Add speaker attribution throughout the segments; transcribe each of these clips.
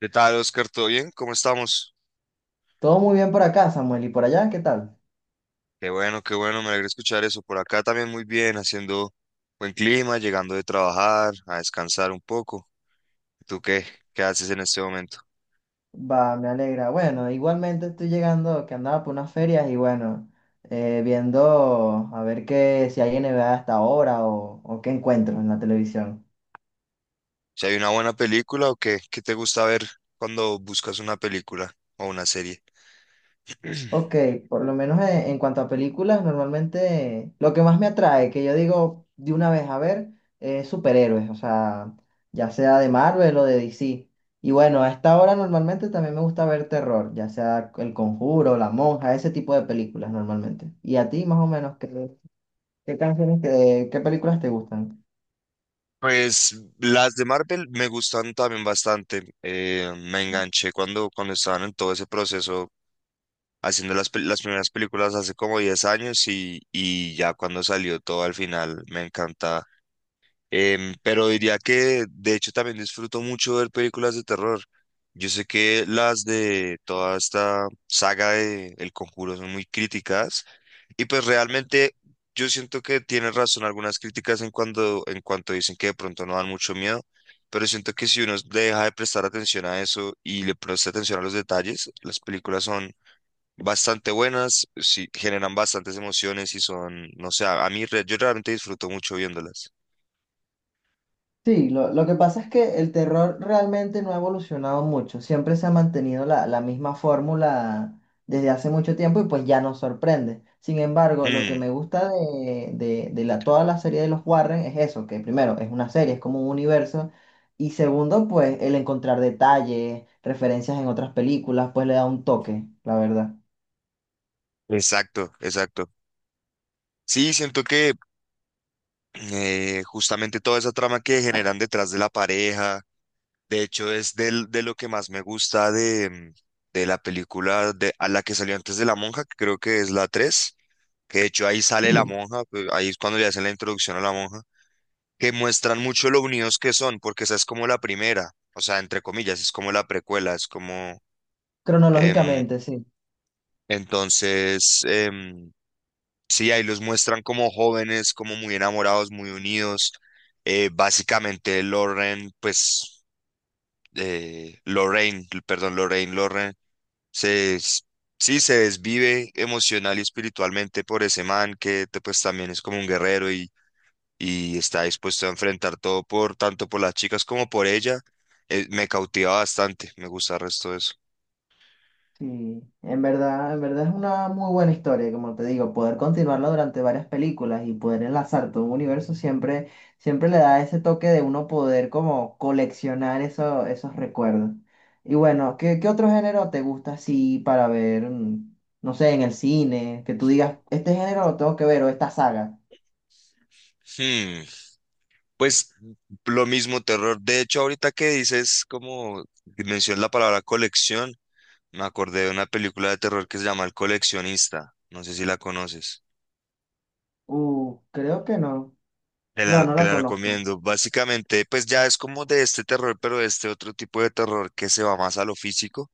Speaker 1: ¿Qué tal, Oscar? ¿Todo bien? ¿Cómo estamos?
Speaker 2: Todo muy bien por acá, Samuel. ¿Y por allá? ¿Qué tal?
Speaker 1: Qué bueno, me alegra escuchar eso. Por acá también muy bien, haciendo buen clima, llegando de trabajar, a descansar un poco. ¿Tú qué? ¿Qué haces en este momento?
Speaker 2: Va, me alegra. Bueno, igualmente estoy llegando, que andaba por unas ferias y bueno, viendo a ver si hay NBA hasta ahora o qué encuentro en la televisión.
Speaker 1: ¿Si hay una buena película o qué? ¿Qué te gusta ver cuando buscas una película o una serie?
Speaker 2: Ok, por lo menos en cuanto a películas, normalmente lo que más me atrae, que yo digo de una vez a ver, es superhéroes, o sea, ya sea de Marvel o de DC. Y bueno, a esta hora normalmente también me gusta ver terror, ya sea El Conjuro, La Monja, ese tipo de películas normalmente. ¿Y a ti más o menos qué canciones, qué películas te gustan?
Speaker 1: Pues las de Marvel me gustan también bastante. Me enganché cuando estaban en todo ese proceso haciendo las primeras películas hace como 10 años y ya cuando salió todo al final me encanta. Pero diría que de hecho también disfruto mucho ver películas de terror. Yo sé que las de toda esta saga de El Conjuro son muy críticas y pues realmente yo siento que tienen razón algunas críticas en en cuanto dicen que de pronto no dan mucho miedo. Pero siento que si uno deja de prestar atención a eso y le presta atención a los detalles, las películas son bastante buenas, sí, generan bastantes emociones y son, no sé, yo realmente disfruto mucho viéndolas.
Speaker 2: Sí, lo que pasa es que el terror realmente no ha evolucionado mucho, siempre se ha mantenido la misma fórmula desde hace mucho tiempo y pues ya nos sorprende. Sin embargo, lo que
Speaker 1: Hmm,
Speaker 2: me gusta de la, toda la serie de los Warren es eso, que primero es una serie, es como un universo, y segundo, pues el encontrar detalles, referencias en otras películas, pues le da un toque, la verdad.
Speaker 1: exacto, exacto. Sí, siento que justamente toda esa trama que generan detrás de la pareja, de hecho es de lo que más me gusta de la película a la que salió antes de La Monja, que creo que es la tres, que de hecho ahí sale la
Speaker 2: Sí,
Speaker 1: monja, pues, ahí es cuando le hacen la introducción a la monja. Que muestran mucho lo unidos que son, porque esa es como la primera, o sea, entre comillas, es como la precuela, es como, em,
Speaker 2: cronológicamente, sí.
Speaker 1: entonces, sí, ahí los muestran como jóvenes, como muy enamorados, muy unidos. Básicamente, Lauren, pues, Lorraine, perdón, Lorraine, Lauren, se, s- sí, se desvive emocional y espiritualmente por ese man pues también es como un guerrero y está dispuesto a enfrentar todo por tanto por las chicas como por ella. Me cautiva bastante, me gusta el resto de eso.
Speaker 2: Sí, en verdad es una muy buena historia, como te digo, poder continuarla durante varias películas y poder enlazar todo un universo siempre, siempre le da ese toque de uno poder como coleccionar esos recuerdos. Y bueno, qué otro género te gusta así para ver, no sé, en el cine, que tú digas, este género lo tengo que ver o esta saga?
Speaker 1: Hmm, Pues lo mismo, terror. De hecho, ahorita que dices, como mencionas la palabra colección, me acordé de una película de terror que se llama El coleccionista. No sé si la conoces.
Speaker 2: Creo que no.
Speaker 1: Te
Speaker 2: No,
Speaker 1: la,
Speaker 2: no
Speaker 1: te
Speaker 2: la
Speaker 1: la
Speaker 2: conozco.
Speaker 1: recomiendo. Básicamente, pues ya es como de este terror, pero de este otro tipo de terror que se va más a lo físico,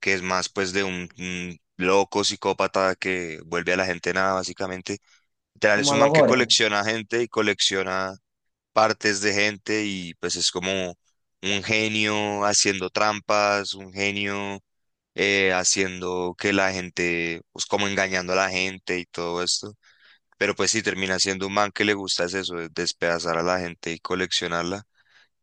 Speaker 1: que es más pues de un loco psicópata que vuelve a la gente nada, básicamente. Literal, es
Speaker 2: Como a
Speaker 1: un
Speaker 2: los
Speaker 1: man que
Speaker 2: gore.
Speaker 1: colecciona gente y colecciona partes de gente y pues es como un genio haciendo trampas, un genio haciendo que la gente, pues como engañando a la gente y todo esto. Pero pues sí, termina siendo un man que le gusta es eso, es despedazar a la gente y coleccionarla.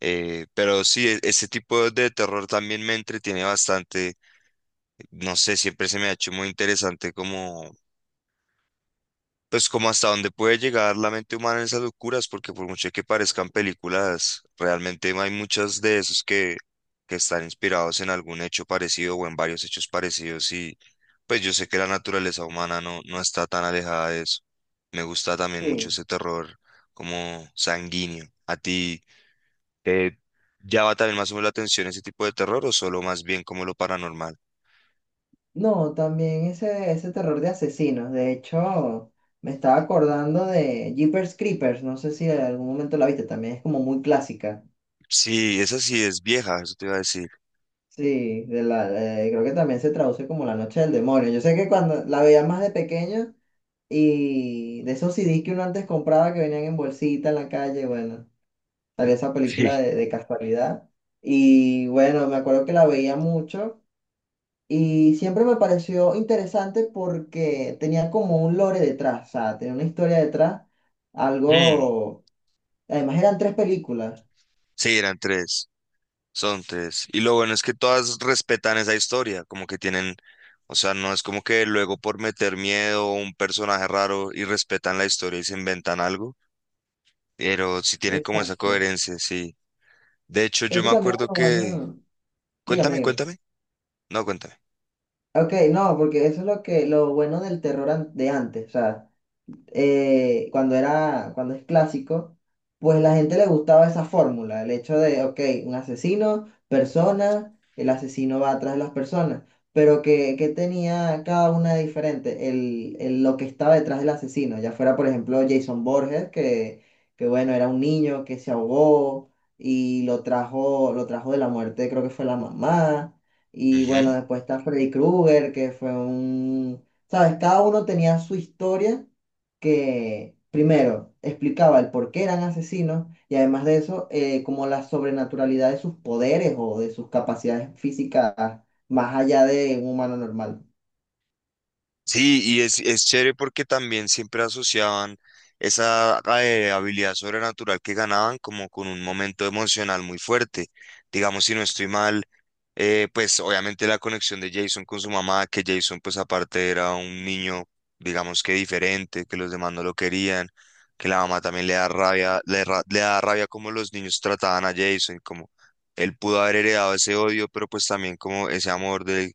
Speaker 1: Pero sí, ese tipo de terror también me entretiene bastante, no sé, siempre se me ha hecho muy interesante como, pues como hasta dónde puede llegar la mente humana en esas locuras, porque por mucho que parezcan películas, realmente hay muchas de esos que están inspirados en algún hecho parecido o en varios hechos parecidos, y pues yo sé que la naturaleza humana no está tan alejada de eso. Me gusta también mucho
Speaker 2: Sí.
Speaker 1: ese terror como sanguíneo. ¿A ti te llama también más o menos la atención ese tipo de terror o solo más bien como lo paranormal?
Speaker 2: No, también ese terror de asesinos. De hecho, me estaba acordando de Jeepers Creepers. No sé si en algún momento la viste. También es como muy clásica.
Speaker 1: Sí, esa sí es vieja, eso te iba a decir.
Speaker 2: Sí, de la, creo que también se traduce como La Noche del Demonio. Yo sé que cuando la veía más de pequeño y de esos c CDs que uno antes compraba que venían en bolsita en la calle, bueno, salía esa
Speaker 1: Sí.
Speaker 2: película de casualidad. Y bueno, me acuerdo que la veía mucho. Y siempre me pareció interesante porque tenía como un lore detrás, o sea, tenía una historia detrás,
Speaker 1: Mm,
Speaker 2: algo... Además eran tres películas.
Speaker 1: sí, eran tres. Son tres. Y lo bueno es que todas respetan esa historia, como que tienen, o sea, no es como que luego por meter miedo o un personaje raro, y respetan la historia y se inventan algo, pero sí tiene como esa
Speaker 2: Exacto.
Speaker 1: coherencia, sí. De hecho, yo
Speaker 2: Eso
Speaker 1: me
Speaker 2: también
Speaker 1: acuerdo
Speaker 2: es lo
Speaker 1: que...
Speaker 2: bueno. Dígame,
Speaker 1: Cuéntame,
Speaker 2: dígame.
Speaker 1: cuéntame. No, cuéntame.
Speaker 2: Ok, no, porque eso es lo que, lo bueno del terror de antes. O sea, cuando cuando es clásico, pues la gente le gustaba esa fórmula, el hecho de, ok, un asesino, persona, el asesino va atrás de las personas, pero que tenía cada una diferente, lo que estaba detrás del asesino, ya fuera, por ejemplo, Jason Borges, que bueno, era un niño que se ahogó y lo trajo de la muerte, creo que fue la mamá. Y bueno,
Speaker 1: Ujú.
Speaker 2: después está Freddy Krueger, que fue un... ¿Sabes? Cada uno tenía su historia que primero explicaba el por qué eran asesinos y además de eso, como la sobrenaturalidad de sus poderes o de sus capacidades físicas más allá de un humano normal.
Speaker 1: Sí, y es chévere porque también siempre asociaban esa habilidad sobrenatural que ganaban como con un momento emocional muy fuerte. Digamos, si no estoy mal. Pues obviamente la conexión de Jason con su mamá, que Jason pues aparte era un niño, digamos que diferente, que los demás no lo querían, que la mamá también le da rabia, le da rabia como los niños trataban a Jason, como él pudo haber heredado ese odio, pero pues también como ese amor de,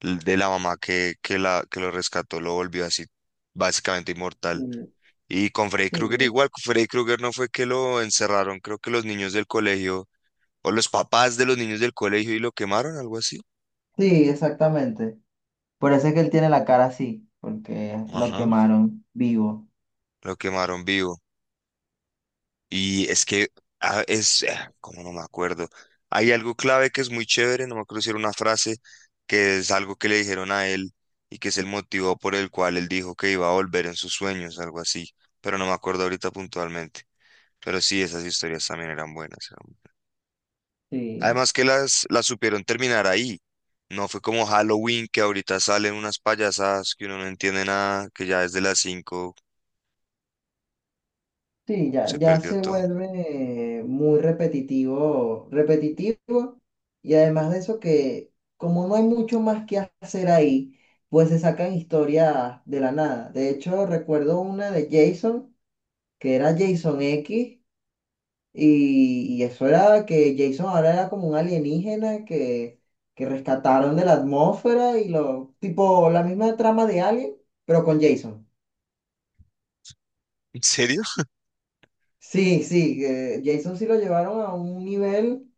Speaker 1: de la mamá que lo rescató, lo volvió así básicamente inmortal.
Speaker 2: Mm.
Speaker 1: Y con Freddy Krueger
Speaker 2: Sí,
Speaker 1: igual, con Freddy Krueger no fue que lo encerraron, creo que los niños del colegio, o los papás de los niños del colegio, y lo quemaron, algo así.
Speaker 2: sí, exactamente. Por eso es que él tiene la cara así, porque lo
Speaker 1: Ajá,
Speaker 2: quemaron vivo.
Speaker 1: lo quemaron vivo. Y es que como no me acuerdo, hay algo clave que es muy chévere, no me acuerdo si era una frase, que es algo que le dijeron a él y que es el motivo por el cual él dijo que iba a volver en sus sueños, algo así, pero no me acuerdo ahorita puntualmente. Pero sí, esas historias también eran buenas.
Speaker 2: Sí.
Speaker 1: Además que las supieron terminar ahí. No fue como Halloween, que ahorita salen unas payasadas que uno no entiende nada, que ya desde las 5
Speaker 2: Sí, ya,
Speaker 1: se
Speaker 2: ya
Speaker 1: perdió
Speaker 2: se
Speaker 1: todo.
Speaker 2: vuelve muy repetitivo, repetitivo, y además de eso que como no hay mucho más que hacer ahí, pues se sacan historias de la nada. De hecho, recuerdo una de Jason, que era Jason X, y eso era que Jason ahora era como un alienígena que rescataron de la atmósfera y lo, tipo la misma trama de Alien, pero con Jason.
Speaker 1: ¿En serio?
Speaker 2: Sí, sí, Jason sí lo llevaron a un nivel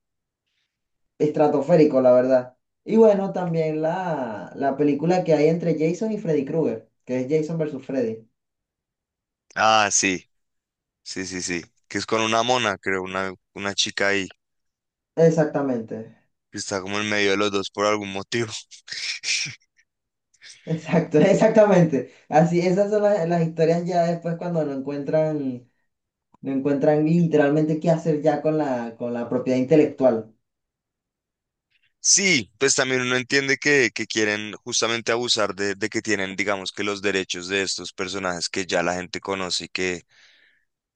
Speaker 2: estratosférico, la verdad. Y bueno, también la película que hay entre Jason y Freddy Krueger, que es Jason versus Freddy.
Speaker 1: Ah, sí. Sí, sí, sí. Que es con una mona, creo, una chica ahí,
Speaker 2: Exactamente,
Speaker 1: que está como en medio de los dos por algún motivo.
Speaker 2: exacto, exactamente. Así, esas son las historias ya después cuando no encuentran, no encuentran literalmente qué hacer ya con con la propiedad intelectual.
Speaker 1: Sí, pues también uno entiende que quieren justamente abusar de que tienen, digamos, que los derechos de estos personajes que ya la gente conoce y que,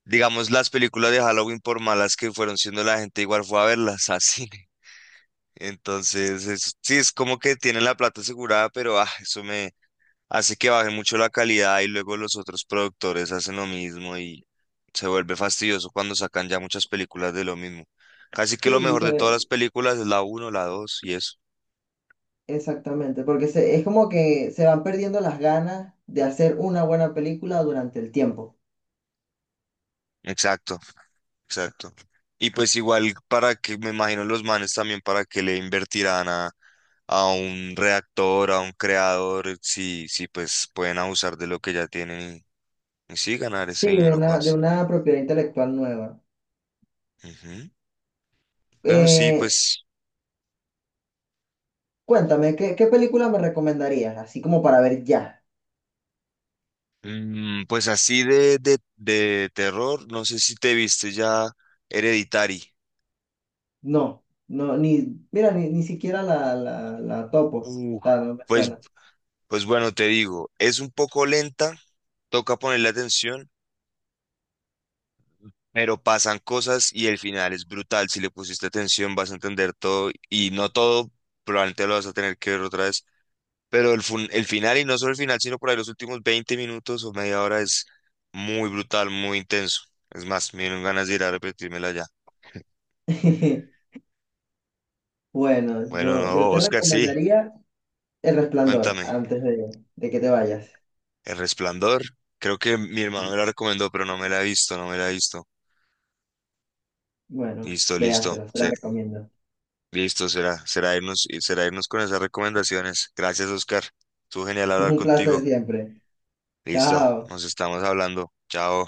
Speaker 1: digamos, las películas de Halloween, por malas que fueron siendo, la gente igual fue a verlas a cine. Entonces, sí, es como que tienen la plata asegurada, pero eso me hace que baje mucho la calidad y luego los otros productores hacen lo mismo y se vuelve fastidioso cuando sacan ya muchas películas de lo mismo. Casi que lo
Speaker 2: Sí,
Speaker 1: mejor
Speaker 2: se
Speaker 1: de todas
Speaker 2: ve.
Speaker 1: las películas es la uno, la dos y eso.
Speaker 2: Exactamente, porque se, es como que se van perdiendo las ganas de hacer una buena película durante el tiempo.
Speaker 1: Exacto, exacto. Y pues igual para que, me imagino los manes también para que le invertirán a un reactor, a un creador, si pues pueden abusar de lo que ya tienen y sí ganar ese
Speaker 2: Sí,
Speaker 1: dinero
Speaker 2: de
Speaker 1: fácil.
Speaker 2: una propiedad intelectual nueva.
Speaker 1: Ujú. Pero sí,
Speaker 2: Eh,
Speaker 1: pues
Speaker 2: Cuéntame, qué película me recomendarías? Así como para ver ya.
Speaker 1: Mm, pues así de, de terror, no sé si te viste ya Hereditary.
Speaker 2: No, no, ni, mira, ni, ni siquiera la topo.
Speaker 1: Uf,
Speaker 2: Ah, no me
Speaker 1: pues,
Speaker 2: suena.
Speaker 1: pues bueno, te digo, es un poco lenta, toca ponerle atención, pero pasan cosas y el final es brutal. Si le pusiste atención vas a entender todo, y no todo, probablemente lo vas a tener que ver otra vez, pero el final, y no solo el final, sino por ahí los últimos 20 minutos o media hora, es muy brutal, muy intenso. Es más, me dieron ganas de ir a repetírmela ya.
Speaker 2: Bueno,
Speaker 1: Bueno,
Speaker 2: yo
Speaker 1: no,
Speaker 2: te
Speaker 1: Oscar, sí,
Speaker 2: recomendaría El Resplandor
Speaker 1: cuéntame.
Speaker 2: antes de que te vayas.
Speaker 1: El Resplandor. Creo que mi hermano
Speaker 2: Y,
Speaker 1: me la recomendó, pero no me la he visto, no me la he visto.
Speaker 2: bueno,
Speaker 1: Listo, listo.
Speaker 2: véasela, se la
Speaker 1: Sí,
Speaker 2: recomiendo.
Speaker 1: listo, será irnos con esas recomendaciones. Gracias, Oscar. Estuvo genial hablar
Speaker 2: Un placer
Speaker 1: contigo.
Speaker 2: siempre.
Speaker 1: Listo,
Speaker 2: Chao.
Speaker 1: nos estamos hablando. Chao.